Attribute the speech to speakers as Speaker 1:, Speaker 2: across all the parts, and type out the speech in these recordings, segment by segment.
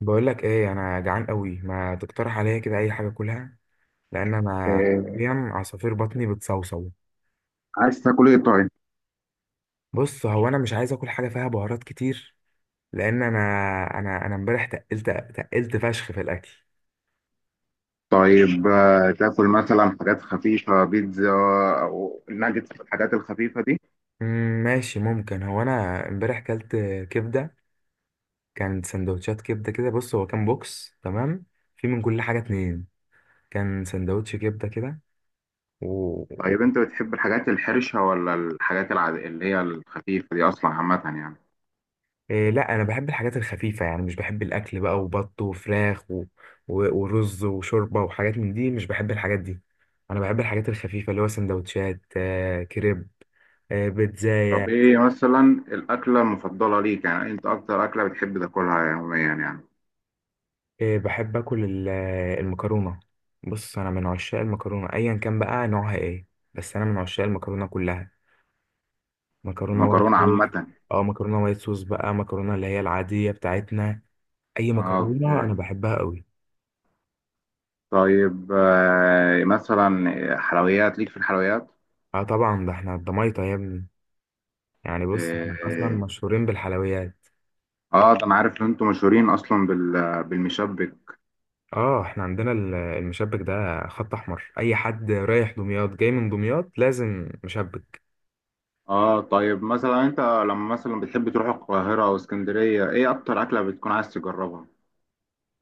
Speaker 1: بقول لك ايه، انا جعان قوي، ما تقترح عليا كده اي حاجه اكلها؟ لان انا
Speaker 2: آه،
Speaker 1: حرفيا عصافير بطني بتصوصو.
Speaker 2: عايز تاكل ايه طيب؟
Speaker 1: بص، هو انا مش عايز اكل حاجه فيها بهارات كتير، لان انا امبارح تقلت فشخ في الاكل.
Speaker 2: طيب تاكل مثلا حاجات خفيفة بيتزا او ناجتس الحاجات الخفيفة دي.
Speaker 1: ماشي، ممكن هو انا امبارح كلت كبده. كان سندوتشات كبده كده. بص، هو كان بوكس تمام، في من كل حاجه اتنين. كان سندوتش كبده كده.
Speaker 2: طيب انت بتحب الحاجات الحرشة ولا الحاجات العادية اللي هي الخفيفة دي اصلا، عامة يعني؟
Speaker 1: إيه، لا انا بحب الحاجات الخفيفه، يعني مش بحب الاكل بقى وبط وفراخ و... ورز وشوربه وحاجات من دي، مش بحب الحاجات دي. انا بحب الحاجات الخفيفه، اللي هو سندوتشات، كريب،
Speaker 2: طب
Speaker 1: بيتزاية.
Speaker 2: ايه مثلا الاكلة المفضلة ليك، يعني انت اكتر اكلة بتحب تاكلها يوميا يعني؟
Speaker 1: بحب اكل المكرونه. بص، انا من عشاق المكرونه ايا كان بقى نوعها ايه. بس انا من عشاق المكرونه كلها. مكرونه وايت
Speaker 2: المكرونة
Speaker 1: صوص.
Speaker 2: عامة.
Speaker 1: اه، مكرونه وايت صوص بقى، مكرونه اللي هي العاديه بتاعتنا. اي مكرونه
Speaker 2: اوكي.
Speaker 1: انا بحبها قوي.
Speaker 2: طيب مثلا حلويات ليك، في الحلويات؟
Speaker 1: اه، طبعا، ده احنا الضمايطه يا ابني. يعني بص، احنا اصلا
Speaker 2: اه،
Speaker 1: مشهورين بالحلويات.
Speaker 2: ده انا عارف ان انتم مشهورين اصلا بالمشبك.
Speaker 1: اه، احنا عندنا المشبك ده، خط احمر. اي حد رايح دمياط جاي من دمياط لازم مشبك.
Speaker 2: اه طيب، مثلا انت لما مثلا بتحب تروح القاهرة او اسكندرية، ايه اكتر اكلة بتكون عايز تجربها؟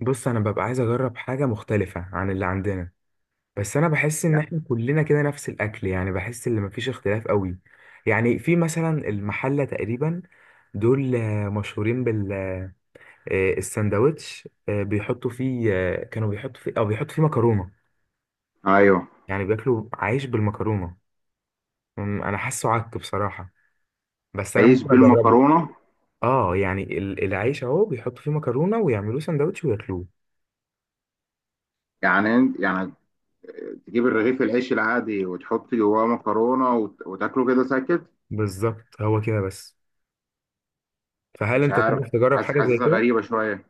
Speaker 1: بص، انا ببقى عايز اجرب حاجه مختلفه عن اللي عندنا. بس انا بحس ان
Speaker 2: يعني.
Speaker 1: احنا كلنا كده نفس الاكل، يعني بحس ان مفيش اختلاف قوي. يعني في مثلا المحله تقريبا، دول مشهورين بالساندوتش، بيحطوا فيه كانوا بيحطوا فيه او بيحطوا فيه مكرونه.
Speaker 2: ايوه.
Speaker 1: يعني بياكلوا عيش بالمكرونه. انا حاسه عك بصراحه، بس انا
Speaker 2: عيش
Speaker 1: ممكن اجربه.
Speaker 2: بالمكرونة؟
Speaker 1: اه، يعني العيش اهو بيحطوا فيه مكرونه ويعملوه سندوتش وياكلوه.
Speaker 2: يعني يعني تجيب الرغيف العيش العادي وتحط جواه مكرونة وتاكله كده ساكت؟
Speaker 1: بالظبط، هو كده بس. فهل
Speaker 2: مش
Speaker 1: انت
Speaker 2: عارف،
Speaker 1: تعرف تجرب حاجه زي
Speaker 2: حاسسها
Speaker 1: كده؟
Speaker 2: غريبة شوية.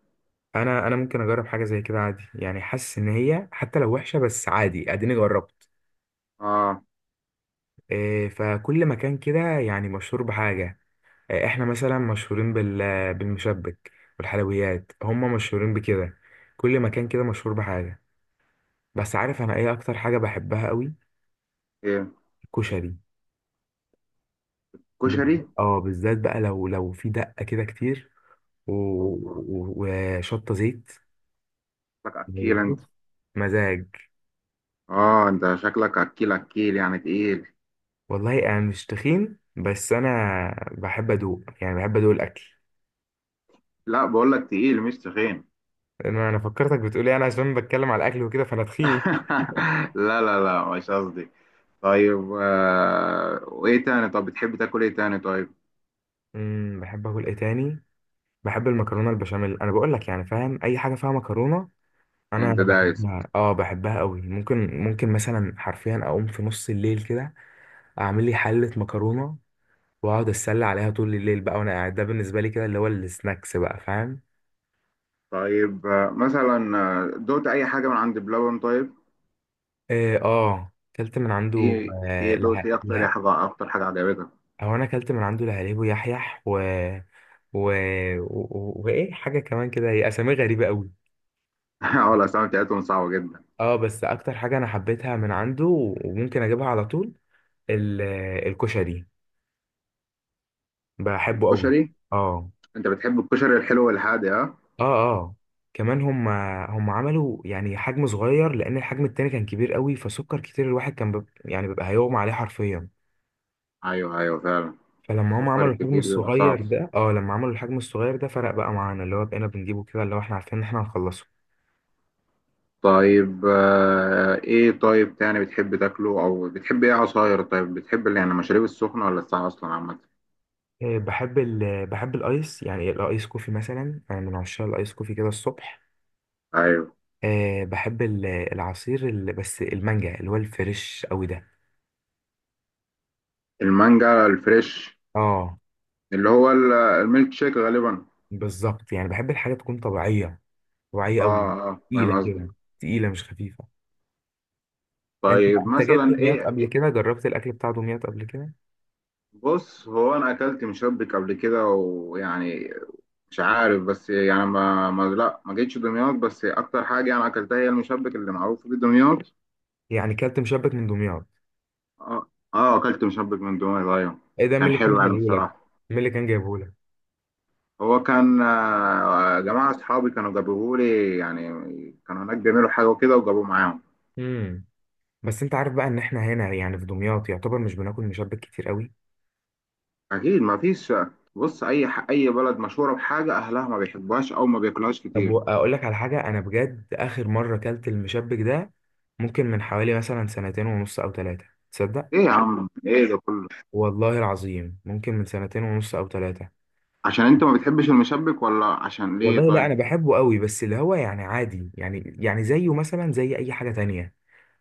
Speaker 1: انا ممكن اجرب حاجه زي كده عادي، يعني حاسس ان هي حتى لو وحشه بس عادي، اديني جربت.
Speaker 2: اه.
Speaker 1: إيه، فكل مكان كده يعني مشهور بحاجه. إيه، احنا مثلا مشهورين بالمشبك. والحلويات هم مشهورين بكده. كل مكان كده مشهور بحاجه. بس عارف انا ايه اكتر حاجه بحبها قوي؟
Speaker 2: ايه؟
Speaker 1: الكشري. ب-
Speaker 2: كشري.
Speaker 1: اه بالذات بقى، لو في دقة كده كتير
Speaker 2: اوبا،
Speaker 1: وشطة زيت.
Speaker 2: شكلك
Speaker 1: يعني
Speaker 2: اكيل انت.
Speaker 1: بص، مزاج.
Speaker 2: اه، انت شكلك اكيل اكيل يعني تقيل.
Speaker 1: والله انا مش تخين، بس انا بحب ادوق، يعني بحب ادوق الاكل.
Speaker 2: لا بقول لك، تقيل مش تخين.
Speaker 1: انا فكرتك بتقولي انا عشان بتكلم على الاكل وكده فانا تخين.
Speaker 2: لا لا لا، مش قصدي. طيب وايه تاني؟ طب بتحب تاكل ايه تاني طيب؟
Speaker 1: بحب اكل ايه تاني؟ بحب المكرونة البشاميل. انا بقول لك يعني، فاهم، اي حاجة فيها مكرونة انا
Speaker 2: انت دايس.
Speaker 1: بحبها، اه بحبها قوي، ممكن مثلا حرفيا اقوم في نص الليل كده اعمل لي حلة مكرونة واقعد اتسلى عليها طول الليل بقى وانا قاعد. ده بالنسبه لي كده اللي هو السناكس بقى، فاهم.
Speaker 2: طيب مثلا دوت اي حاجه من عند بلبن طيب؟
Speaker 1: اه، اكلت من عنده.
Speaker 2: ايه
Speaker 1: آه
Speaker 2: ايه دوت
Speaker 1: له...
Speaker 2: ايه اكتر، ايه
Speaker 1: له...
Speaker 2: حاجه اكتر حاجه عجبتك؟
Speaker 1: او انا اكلت من عنده لهاليب ويحيح و... وايه حاجه كمان كده، هي اسامي غريبه قوي.
Speaker 2: اه، الاسامي بتاعتهم صعبه جدا.
Speaker 1: اه، بس اكتر حاجه انا حبيتها من عنده، وممكن اجيبها على طول، ال... الكشري. بحبه قوي.
Speaker 2: الكشري.
Speaker 1: اه
Speaker 2: انت بتحب الكشري الحلو والحادق، ها؟
Speaker 1: اه اه كمان، هم عملوا يعني حجم صغير لان الحجم التاني كان كبير قوي، فسكر كتير. الواحد كان يعني بيبقى هيغمى عليه حرفيا.
Speaker 2: ايوه ايوه فعلا.
Speaker 1: فلما هم
Speaker 2: فكر
Speaker 1: عملوا الحجم
Speaker 2: كتير بيبقى صعب.
Speaker 1: الصغير ده اه لما عملوا الحجم الصغير ده فرق بقى معانا، اللي هو بقينا بنجيبه كده، اللي هو احنا عارفين ان احنا هنخلصه.
Speaker 2: طيب ايه طيب تاني بتحب تاكله؟ او بتحب ايه عصاير طيب؟ بتحب اللي يعني المشاريب السخنه ولا الساقعه اصلا، عامه؟
Speaker 1: بحب بحب الايس، يعني الايس كوفي مثلا. انا من عشاق الايس كوفي كده الصبح.
Speaker 2: ايوه.
Speaker 1: بحب العصير بس المانجا، اللي هو الفريش قوي ده.
Speaker 2: المانجا الفريش؟
Speaker 1: اه
Speaker 2: اللي هو الميلك شيك غالبا.
Speaker 1: بالظبط، يعني بحب الحاجه تكون طبيعيه، طبيعيه قوي،
Speaker 2: اه اه،
Speaker 1: تقيله
Speaker 2: فاهم قصدك.
Speaker 1: كده، تقيله مش خفيفه. انت
Speaker 2: طيب
Speaker 1: انت جيت
Speaker 2: مثلا
Speaker 1: دمياط
Speaker 2: ايه
Speaker 1: قبل كده؟ جربت الاكل بتاع دمياط قبل كده؟
Speaker 2: بص هو انا اكلت مشبك قبل كده، ويعني مش عارف. بس يعني ما جيتش دمياط. بس اكتر حاجه انا اكلتها هي المشبك اللي معروف في دمياط.
Speaker 1: يعني كلت مشبك من دمياط؟
Speaker 2: اه. اه، اكلت مشبك من دمياط، ايوه.
Speaker 1: ايه ده، مين
Speaker 2: كان
Speaker 1: اللي كان
Speaker 2: حلو يعني
Speaker 1: جايبهولك؟
Speaker 2: بصراحه.
Speaker 1: مين اللي كان جايبهولك؟
Speaker 2: هو كان جماعه اصحابي كانوا جابوه لي يعني. كانوا هناك بيعملوا حاجه وكده وجابوه معاهم.
Speaker 1: امم بس انت عارف بقى ان احنا هنا يعني في دمياط يعتبر مش بناكل مشبك كتير قوي.
Speaker 2: اكيد ما فيش. بص، اي اي بلد مشهوره بحاجه اهلها ما بيحبوهاش او ما بياكلوهاش
Speaker 1: طب
Speaker 2: كتير.
Speaker 1: اقول لك على حاجه انا بجد، اخر مره اكلت المشبك ده ممكن من حوالي مثلا سنتين ونص او ثلاثه. تصدق؟
Speaker 2: ايه يا عم، ايه ده كله؟
Speaker 1: والله العظيم، ممكن من سنتين ونص او ثلاثه.
Speaker 2: عشان انت ما بتحبش المشبك ولا عشان ليه
Speaker 1: والله لا،
Speaker 2: طيب؟
Speaker 1: انا بحبه قوي، بس اللي هو يعني عادي، يعني زيه مثلا زي اي حاجه تانية،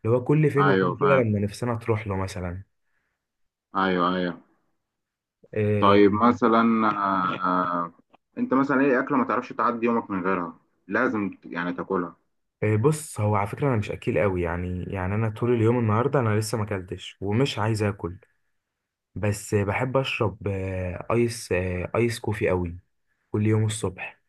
Speaker 1: اللي هو كل فين
Speaker 2: ايوه
Speaker 1: وفين كده
Speaker 2: فاهم.
Speaker 1: لما نفسنا تروح له مثلا.
Speaker 2: ايوه ايوه.
Speaker 1: إيه،
Speaker 2: طيب مثلا، آه انت مثلا ايه اكله ما تعرفش تعدي يومك من غيرها؟ لازم يعني تاكلها.
Speaker 1: إيه، بص هو على فكره انا مش اكيل قوي، يعني انا طول اليوم النهارده انا لسه ما اكلتش ومش عايز اكل. بس بحب اشرب ايس كوفي قوي كل يوم الصبح،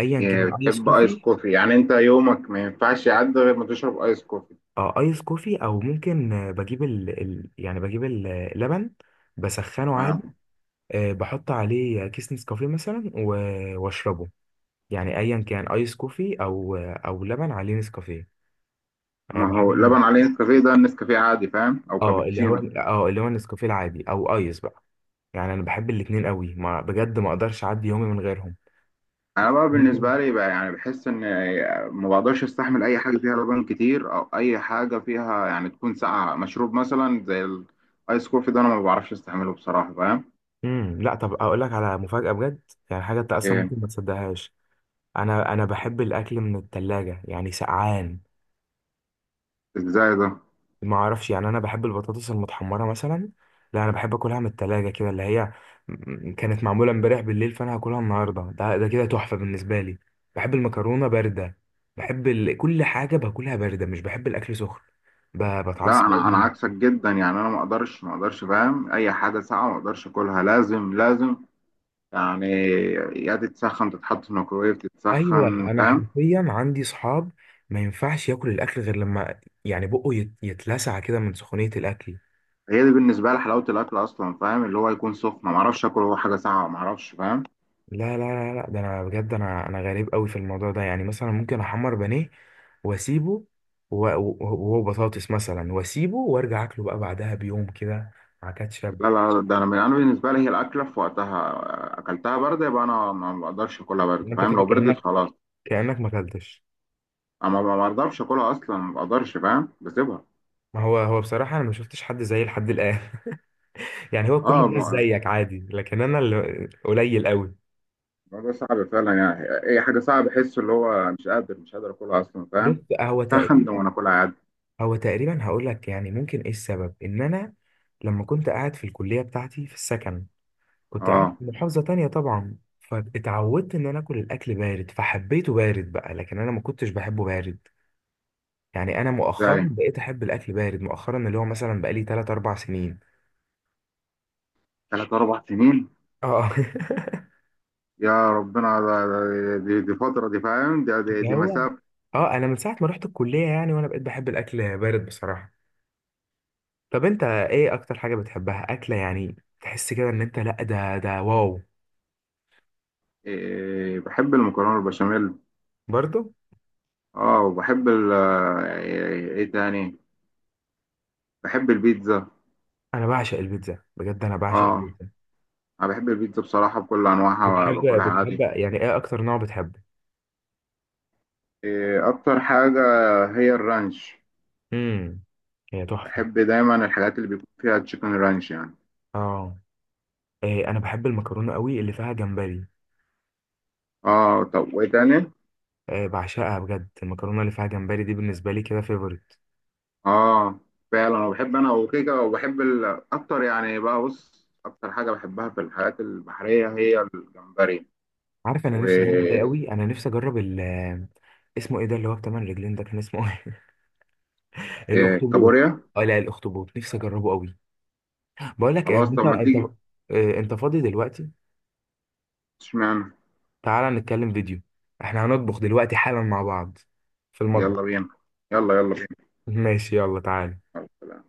Speaker 1: ايا كان
Speaker 2: يعني
Speaker 1: ايس
Speaker 2: بتحب ايس
Speaker 1: كوفي.
Speaker 2: كوفي، يعني انت يومك ما ينفعش يعدي غير ما تشرب ايس كوفي؟
Speaker 1: اه ايس كوفي، او ممكن بجيب يعني بجيب اللبن بسخنه
Speaker 2: تمام.
Speaker 1: عادي. بحط عليه كيس نسكافيه مثلا واشربه. يعني ايا كان ايس كوفي او لبن عليه نسكافيه. انا
Speaker 2: ما
Speaker 1: بحب
Speaker 2: هو لبن عليه نسكافيه، ده النسكافيه عادي فاهم؟ او
Speaker 1: اللي هو
Speaker 2: كابتشينو؟
Speaker 1: اه اللي هو النسكافيه العادي او ايس بقى. يعني انا بحب الاتنين قوي، ما بجد ما اقدرش اعدي يومي من غيرهم.
Speaker 2: انا بقى بالنسبه لي بقى يعني بحس ان ما بقدرش استحمل اي حاجه فيها لبن كتير، او اي حاجه فيها يعني تكون ساقعه مشروب مثلا زي الايس كوفي ده. انا ما بعرفش استحمله بصراحه فاهم.
Speaker 1: لا، طب اقول لك على مفاجأة بجد، يعني حاجة انت اصلا
Speaker 2: ايه؟
Speaker 1: ممكن ما تصدقهاش. انا بحب الاكل من التلاجة، يعني سقعان.
Speaker 2: ازاي ده؟
Speaker 1: ما اعرفش، يعني انا بحب البطاطس المتحمرة مثلا. لا انا بحب اكلها من التلاجة كده، اللي هي كانت معمولة امبارح بالليل فانا هاكلها النهاردة. ده كده تحفة بالنسبة لي. بحب المكرونة باردة. بحب كل حاجة باكلها باردة. مش بحب الاكل سخن، ب...
Speaker 2: لا،
Speaker 1: بتعصب.
Speaker 2: انا عكسك جدا يعني. انا ما اقدرش فاهم. اي حاجه ساقعه ما اقدرش اكلها. لازم يعني، يا تتسخن، تتحط في الميكرويف
Speaker 1: ايوه،
Speaker 2: تتسخن
Speaker 1: انا
Speaker 2: فاهم.
Speaker 1: حرفيا عندي صحاب ما ينفعش ياكل الاكل غير لما يعني بقه يتلسع كده من سخونيه الاكل.
Speaker 2: هي دي بالنسبه لي حلاوه الاكل اصلا فاهم، اللي هو يكون سخن. ما اعرفش اكل هو حاجه ساقعه، ما اعرفش فاهم.
Speaker 1: لا لا لا لا، ده انا بجد، انا غريب قوي في الموضوع ده، يعني مثلا ممكن احمر بانيه واسيبه، وهو بطاطس مثلا واسيبه وارجع اكله بقى بعدها بيوم كده مع كاتشب.
Speaker 2: لا، ده انا من انا بالنسبه لي هي الاكله في وقتها. اكلتها بارده يبقى انا ما بقدرش اكلها بارده
Speaker 1: انت
Speaker 2: فاهم.
Speaker 1: كده
Speaker 2: لو بردت
Speaker 1: كانك
Speaker 2: خلاص
Speaker 1: كانك ما اكلتش.
Speaker 2: انا ما بقدرش اكلها اصلا ما بقدرش فاهم. بسيبها.
Speaker 1: ما هو بصراحه، انا ما شفتش حد زيي لحد الان. يعني، هو كل
Speaker 2: اه
Speaker 1: الناس زيك عادي، لكن انا اللي قليل قوي.
Speaker 2: الموضوع صعب فعلا يعني. اي حاجه صعب احس اللي هو مش قادر اكلها اصلا
Speaker 1: بص،
Speaker 2: فاهم.
Speaker 1: هو
Speaker 2: تتسخن وانا
Speaker 1: تقريبا
Speaker 2: اكلها عادي.
Speaker 1: هو تقريبا هقول لك يعني ممكن ايه السبب، ان انا لما كنت قاعد في الكليه بتاعتي في السكن، كنت قاعد
Speaker 2: اه
Speaker 1: في محافظه تانية طبعا، فاتعودت ان انا اكل الاكل بارد فحبيته بارد بقى. لكن انا ما كنتش بحبه بارد. يعني انا
Speaker 2: زي
Speaker 1: مؤخرا بقيت احب الاكل بارد مؤخرا، اللي هو مثلا بقالي 3 4 سنين.
Speaker 2: 3 4 سنين.
Speaker 1: اه.
Speaker 2: يا ربنا، دي فتره دي فاهم. دي دي,
Speaker 1: اللي
Speaker 2: دي
Speaker 1: هو
Speaker 2: مسافه.
Speaker 1: اه انا من ساعه ما رحت الكليه، يعني وانا بقيت بحب الاكل بارد بصراحه. طب انت ايه اكتر حاجه بتحبها اكله، يعني تحس كده ان انت لا ده واو؟
Speaker 2: إيه بحب المكرونه البشاميل.
Speaker 1: برضه،
Speaker 2: اه وبحب ايه، تاني بحب البيتزا.
Speaker 1: انا بعشق البيتزا بجد، انا بعشق
Speaker 2: اه
Speaker 1: البيتزا.
Speaker 2: انا بحب البيتزا بصراحة بكل انواعها،
Speaker 1: بتحب
Speaker 2: باكلها
Speaker 1: بتحب
Speaker 2: عادي.
Speaker 1: يعني ايه اكتر نوع بتحبه؟
Speaker 2: إيه اكتر حاجة؟ هي الرانش.
Speaker 1: امم هي تحفه.
Speaker 2: بحب دايما الحاجات اللي بيكون فيها تشيكن رانش يعني.
Speaker 1: اه. إيه، انا بحب المكرونه قوي اللي فيها جمبري.
Speaker 2: اه طب وايه تاني؟
Speaker 1: إيه، بعشقها بجد. المكرونه اللي فيها جمبري دي بالنسبه لي كده فيفورت.
Speaker 2: اه فعلا، انا بحب انا وكيكة، وبحب اكتر يعني بقى، بص اكتر حاجة بحبها في الحاجات البحرية هي الجمبري
Speaker 1: عارف انا نفسي اجرب ايه قوي؟ انا نفسي اجرب اسمه ايه ده، اللي هو بتمن رجلين ده، كان اسمه ايه؟ الاخطبوط.
Speaker 2: والكابوريا.
Speaker 1: اه لا، الاخطبوط نفسي اجربه قوي. بقول لك ايه،
Speaker 2: خلاص
Speaker 1: انت
Speaker 2: طب ما
Speaker 1: انت
Speaker 2: تيجي.
Speaker 1: إيه، انت فاضي دلوقتي؟
Speaker 2: اشمعنى؟
Speaker 1: تعالى نتكلم فيديو، احنا هنطبخ دلوقتي حالا مع بعض في المطبخ.
Speaker 2: يلا بينا. يلا يلا
Speaker 1: ماشي، يلا تعال.
Speaker 2: بينا.